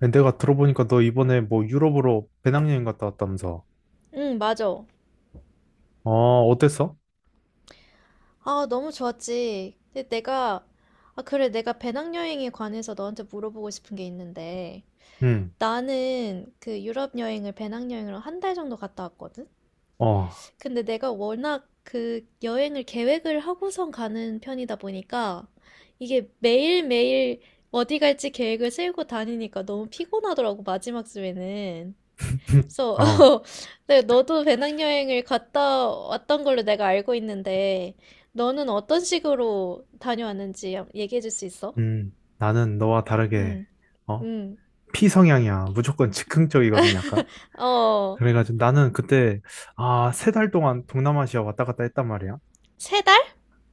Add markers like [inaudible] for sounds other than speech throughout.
아니, 내가 들어보니까 너 이번에 뭐 유럽으로 배낭여행 갔다 왔다면서. 응, 맞아. 어, 어땠어? 아, 너무 좋았지. 근데 내가, 아, 그래, 내가 배낭여행에 관해서 너한테 물어보고 싶은 게 있는데, 응, 나는 그 유럽 여행을 배낭여행으로 한 달 정도 갔다 왔거든? 어, 근데 내가 워낙 그 여행을 계획을 하고선 가는 편이다 보니까, 이게 매일매일 어디 갈지 계획을 세우고 다니니까 너무 피곤하더라고, 마지막 주에는. [laughs] 그래서 어, [laughs] 네, 너도 배낭여행을 갔다 왔던 걸로 내가 알고 있는데 너는 어떤 식으로 다녀왔는지 얘기해 줄 수 있어? 나는 너와 다르게, 응, 어, 응. 피성향이야. 무조건 즉흥적이거든, 약간. 어, 그래가지고 나는 그때, 아, 세 달 동안 동남아시아 왔다 갔다 했단 말이야. 세 달?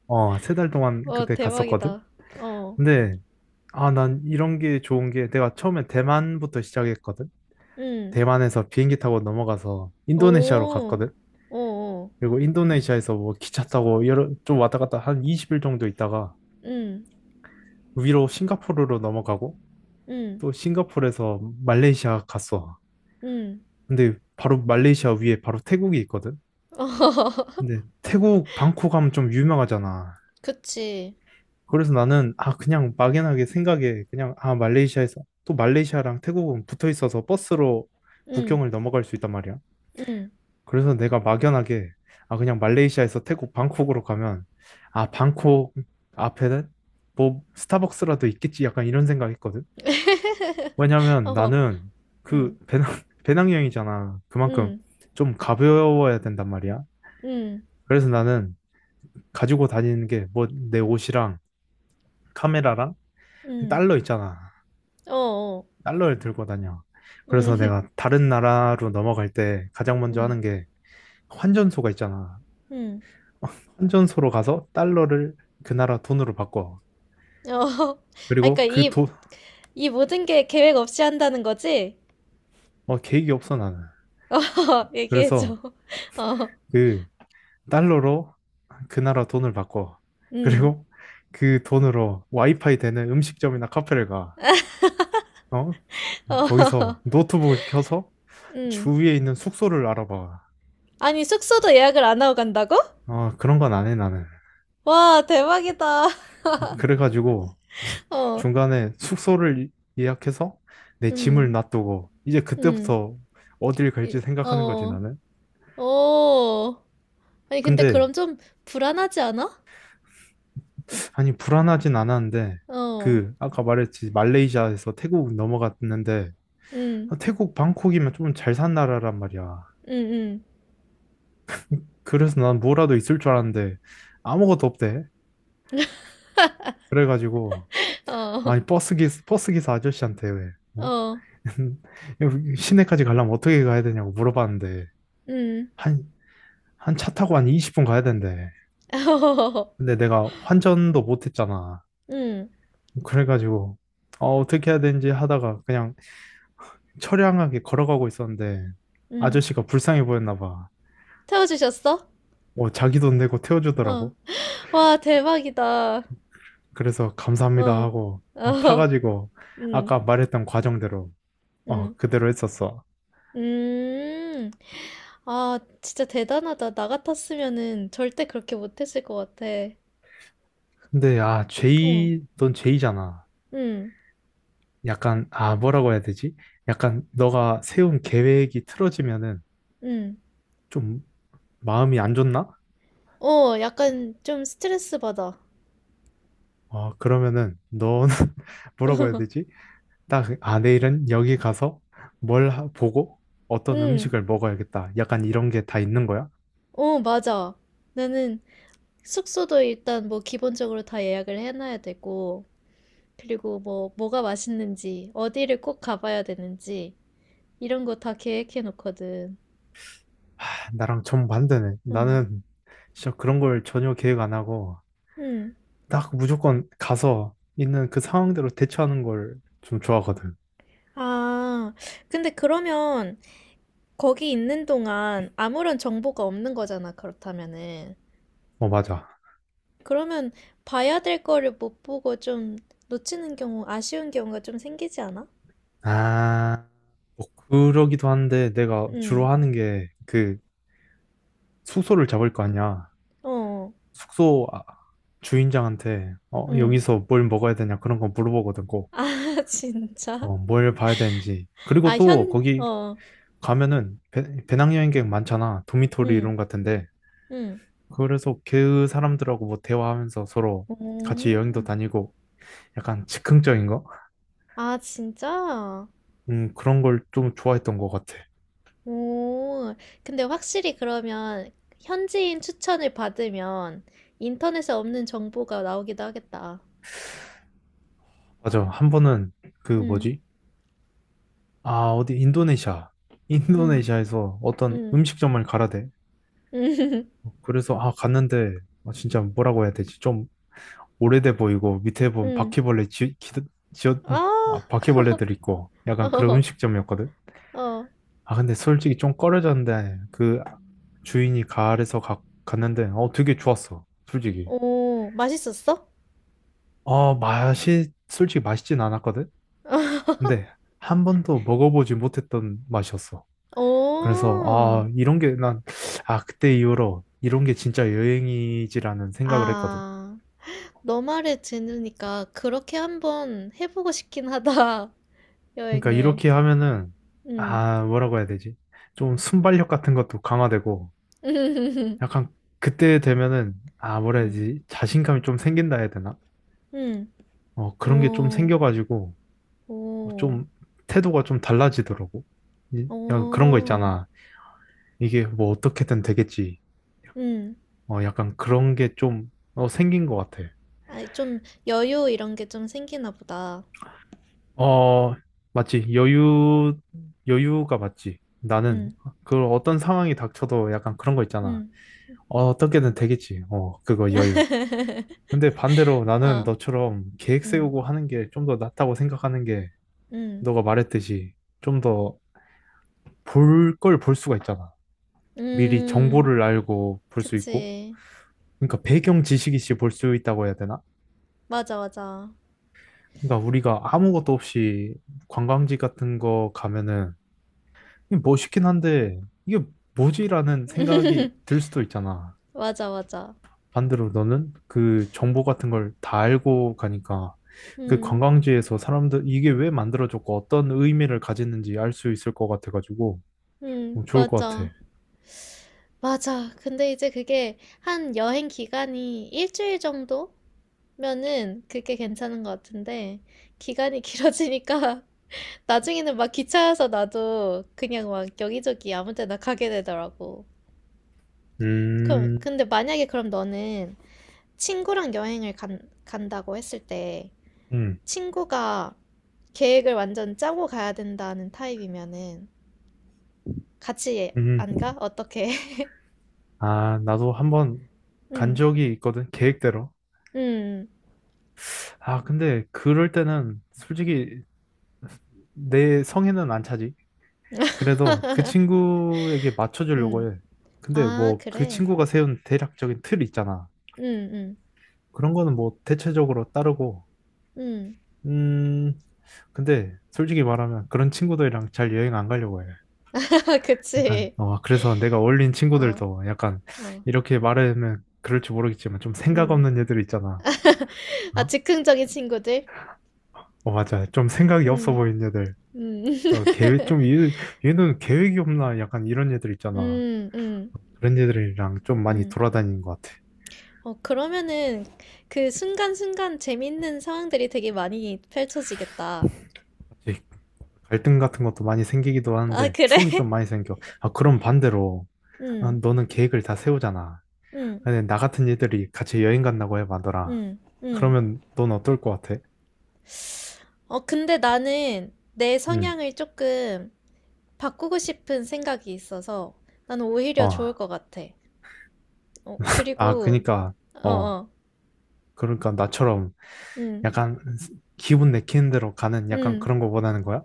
어, 세 달 동안 어, 그때 갔었거든? 대박이다. 어, 근데, 아, 난 이런 게 좋은 게 내가 처음에 대만부터 시작했거든? 응. 대만에서 비행기 타고 넘어가서 인도네시아로 오, 갔거든? 오, 오. 그리고 인도네시아에서 뭐 기차 타고 여러 좀 왔다 갔다 한 20일 정도 있다가 응, 위로 싱가포르로 넘어가고 응, 또 싱가포르에서 말레이시아 갔어. 응. 근데 바로 말레이시아 위에 바로 태국이 있거든. [laughs] 어허허허 근데 태국 방콕 하면 좀 유명하잖아. 그치. 그래서 나는 아 그냥 막연하게 생각에 그냥 아 말레이시아에서 또 말레이시아랑 태국은 붙어 있어서 버스로 응, 국경을 넘어갈 수 있단 말이야. 응. 그래서 내가 막연하게 아 그냥 말레이시아에서 태국 방콕으로 가면 아 방콕 앞에는 뭐 스타벅스라도 있겠지 약간 이런 생각했거든. 왜냐면 어, 나는 그 응, 배낭 [laughs] 배낭여행이잖아. 그만큼 응, 좀 가벼워야 된단 말이야. 응, 그래서 나는 가지고 다니는 게 뭐 내 옷이랑 카메라랑 응. 달러 있잖아. 어, 어. 달러를 들고 다녀. 그래서 응, [laughs] 내가 다른 나라로 넘어갈 때 가장 먼저 응, 하는 게 환전소가 있잖아. 응. 환전소로 가서 달러를 그 나라 돈으로 바꿔. 어. [laughs] 아, 그러니까 그리고 그 이 돈, 이 모든 게 계획 없이 한다는 거지? 어, 계획이 없어, 나는. 어, [laughs] 얘기해줘. 그래서 [laughs] 어, 그 달러로 그 나라 돈을 바꿔. 음. 그리고 그 돈으로 와이파이 되는 음식점이나 카페를 가. [laughs] 어? 어, 거기서 [laughs] 노트북을 켜서 음. 주위에 있는 숙소를 알아봐. 아니, 숙소도 예약을 안 하고 간다고? 어, 그런 건 안 해, 나는. 와, 대박이다. 그래가지고 [laughs] 어, 중간에 숙소를 예약해서 내 짐을 음, 놔두고 이제 음. 그때부터 어딜 갈지 생각하는 거지, 어, 나는. 오. 아니, 근데 근데 그럼 좀 불안하지 않아? 아니, 불안하진 않았는데, 어, 그, 아까 말했지, 말레이시아에서 태국 넘어갔는데, 음, 아, 태국 방콕이면 좀 잘 산 나라란 말이야. 음. 그래서 난 뭐라도 있을 줄 알았는데, 아무것도 없대. 그래가지고, [laughs] 어, 아니, 버스 기사 아저씨한테 왜, 어? 어, [laughs] 여기 시내까지 가려면 어떻게 가야 되냐고 물어봤는데, 음. 한, 한 차 타고 한 20분 가야 된대. [laughs] 어, 근데 내가 환전도 못 했잖아. 음, 그래가지고, 어, 어떻게 해야 되는지 하다가 그냥 처량하게 걸어가고 있었는데 음. 아저씨가 불쌍해 보였나 봐. 태워주셨어? 어, 자기 돈 내고 어. 태워주더라고. 와, 대박이다. 그래서 감사합니다 어. 하고 [laughs] 어, 어. 타가지고 음. 아까 말했던 과정대로 어, 음. 그대로 했었어. 음. 아, 진짜 대단하다. 나 같았으면은 절대 그렇게 못했을 것 같아. 근데 아, 어. 제이, 넌 제이잖아. 음. 약간 아, 뭐라고 해야 되지? 약간 너가 세운 계획이 틀어지면은 음. 좀 마음이 안 좋나? 어, 약간 좀 스트레스 받아. 어, 그러면은 너는 [laughs] 뭐라고 해야 되지? [laughs] 딱, 아, 내일은 여기 가서 뭘 하- 보고 어떤 응, 음식을 먹어야겠다. 약간 이런 게 다 있는 거야? 어, 맞아. 나는 숙소도 일단 뭐 기본적으로 다 예약을 해놔야 되고, 그리고 뭐가 맛있는지, 어디를 꼭 가봐야 되는지, 이런 거 다 계획해 놓거든. 아, 나랑 정반대네. 응, 나는 진짜 그런 걸 전혀 계획 안 하고 응. 딱 무조건 가서 있는 그 상황대로 대처하는 걸 좀 좋아하거든. 아, 근데 그러면 거기 있는 동안 아무런 정보가 없는 거잖아, 그렇다면은. 어, 맞아. 그러면 봐야 될 거를 못 보고 좀 놓치는 경우, 아쉬운 경우가 좀 생기지 않아? 아, 뭐 그러기도 한데 내가 주로 응, 하는 게 그 숙소를 잡을 거 아니야. 어, 숙소 아, 주인장한테 어, 응. 여기서 뭘 먹어야 되냐 그런 거 물어보거든. 아, [laughs] 진짜? 어, 뭘 봐야 되는지. 그리고 또 거기 어, 가면은 배낭여행객 많잖아. 도미토리 응, 이런 같은데. 응. 그래서 그 사람들하고 뭐 대화하면서 서로 같이 오, 여행도 다니고 약간 즉흥적인 거? 아, 진짜? 그런 걸 좀 좋아했던 것 같아. 오, 근데 확실히 그러면 현지인 추천을 받으면 인터넷에 없는 정보가 나오기도 하겠다. 맞아. 한 번은 그 응, 뭐지? 아, 어디 인도네시아. 응, 인도네시아에서 어떤 응. 음식점을 가라 대. [laughs] 응. 그래서 아, 갔는데 아, 진짜 뭐라고 해야 되지? 좀 오래돼 보이고 밑에 보면 응. 바퀴벌레 지어, 아, 아, 바퀴벌레들 있고 약간 그런 [laughs] 음식점이었거든. 어, 어, 아 근데 솔직히 좀 꺼려졌는데 그 주인이 가을에서 갔는데 어 되게 좋았어. 솔직히. 오, 맛있었어? 어 맛이 솔직히 맛있진 않았거든. 근데 [laughs] 한 번도 먹어보지 못했던 맛이었어. 그래서 오, 아 이런 게 난 아 그때 이후로 이런 게 진짜 여행이지라는 생각을 했거든. 아, 너 말을 들으니까 그렇게 한번 해보고 싶긴 하다, [laughs] 그러니까 여행을. 이렇게 하면은 응, 아 뭐라고 해야 되지? 좀 순발력 같은 것도 강화되고 [laughs] 약간 그때 되면은 아 뭐라 해야 응, 되지? 자신감이 좀 생긴다 해야 되나? 응, 어 그런 게 좀 오, 생겨가지고 어, 오, 좀 태도가 좀 달라지더라고. 이- 약간 그런 거 오, 있잖아. 이게 뭐 어떻게든 되겠지. 응. 어 약간 그런 게 좀 어, 생긴 것 같아. 아, 좀 여유 이런 게 좀 생기나 보다. 어 맞지? 여유가 맞지? 나는 응, 그 어떤 상황이 닥쳐도 약간 그런 거 있잖아. 응, 어, 어떻게든 되겠지. 어, 그거 여유. 근데 반대로 나는 아, 너처럼 계획 응, 세우고 하는 게 좀 더 낫다고 생각하는 게 응, 너가 말했듯이 좀 더 볼 걸 볼 수가 있잖아. 미리 음, 정보를 알고 볼 수 있고. 그치. 그러니까 배경 지식이시 볼 수 있다고 해야 되나? 맞아, 맞아. 그러니까 우리가 아무것도 없이 관광지 같은 거 가면은 이게 멋있긴 한데 이게 뭐지라는 생각이 들 [laughs] 수도 있잖아. 맞아, 맞아. 반대로 너는 그 정보 같은 걸 다 알고 가니까 그 음, 관광지에서 사람들 이게 왜 만들어졌고 어떤 의미를 가졌는지 알 수 있을 것 같아가지고 어, 좋을 것 맞아. 같아. 맞아. 근데 이제 그게 한 여행 기간이 일주일 정도면은 그게 괜찮은 것 같은데, 기간이 길어지니까 [laughs] 나중에는 막 기차에서 나도 그냥 막 여기저기 아무 데나 가게 되더라고. 그럼, 음, 근데 만약에 그럼 너는 친구랑 간다고 했을 때, 음, 친구가 계획을 완전 짜고 가야 된다는 타입이면은, 같이 음. 안 가? 어떻게? [laughs] 아, 나도 한번 간 응, 적이 있거든, 계획대로. 응, 아, 근데 그럴 때는 솔직히 내 성에는 안 차지. 그래도 그 친구에게 응. 맞춰주려고 해. 근데 아, 뭐 그 그래. 친구가 세운 대략적인 틀 있잖아. 응, 응, 그런 거는 뭐 대체적으로 따르고 응. 음, 근데 솔직히 말하면 그런 친구들이랑 잘 여행 안 가려고 해. [laughs] 약간, 그치. 어, 그래서 내가 어울린 어, 친구들도 약간 어, 이렇게 말하면 그럴지 모르겠지만 좀 생각 응. 없는 애들 있잖아. 아, 어? 즉흥적인 친구들? 어, 맞아. 좀 생각이 없어 응, 보이는 애들. 응, [laughs] 어, 계획, 좀, 얘는 계획이 없나? 약간 이런 애들 있잖아. 응, 응, 그런 애들이랑 좀 많이 응. 돌아다니는 것 같아. 어, 그러면은 그 순간순간 재밌는 상황들이 되게 많이 펼쳐지겠다. 이제 갈등 같은 것도 많이 생기기도 아, 하는데 그래? 추억이 좀 [laughs] 많이 생겨. 아, 그럼 반대로, 아, 응, 너는 계획을 다 세우잖아. 응, 아니, 나 같은 애들이 같이 여행 간다고 해봐더라. 응, 응. 그러면 넌 어떨 것 같아? 어, 근데 나는 내 응. 성향을 조금 바꾸고 싶은 생각이 있어서 나는 오히려 좋을 어. 것 같아. 어, 아, 그리고, 그니까, 어, 어. 어, 그러니까 나처럼 응, 약간 기분 내키는 대로 가는 약간 응, 그런 거 원하는 거야?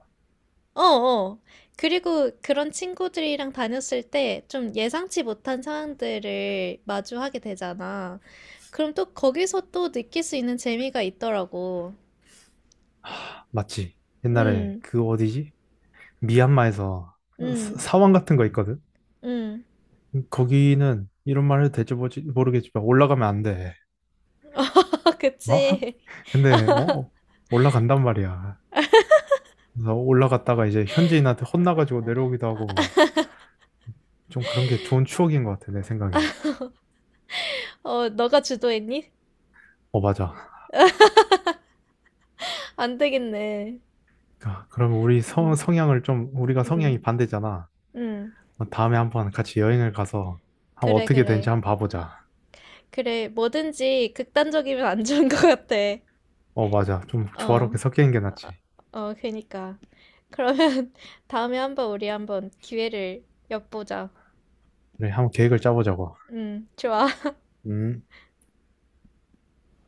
어, 어. 그리고 그런 친구들이랑 다녔을 때 좀 예상치 못한 상황들을 마주하게 되잖아. 그럼 또 거기서 또 느낄 수 있는 재미가 있더라고. 맞지? 옛날에 응, 그 어디지? 미얀마에서 사- 응, 사원 같은 거 있거든? 응. 거기는 이런 말 해도 될지 모르겠지만 올라가면 안 돼. [laughs] 어? [laughs] 그치? 근데, 어? 어, 올라간단 말이야. 그래서 올라갔다가 이제 현지인한테 혼나가지고 내려오기도 하고. 좀 그런 게 좋은 추억인 것 같아, 내 생각에. 어, 너가 주도했니? 어, 맞아. [laughs] 안 되겠네. 그러니까 그럼 우리 성, 응, 성향을 좀, 우리가 응, 성향이 반대잖아. 응. 어, 다음에 한번 같이 여행을 가서 한 그래, 어떻게 되는지 그래. 한번 봐보자. 그래, 뭐든지 극단적이면 안 좋은 것 같아. 어, 맞아. 좀 조화롭게 어, 섞이는 게 아, 낫지. 어, 어, 그니까. 그러면 [laughs] 다음에 한번 우리 한번 기회를 엿보자. 그래, 한번 계획을 짜보자고. 좋아. 음.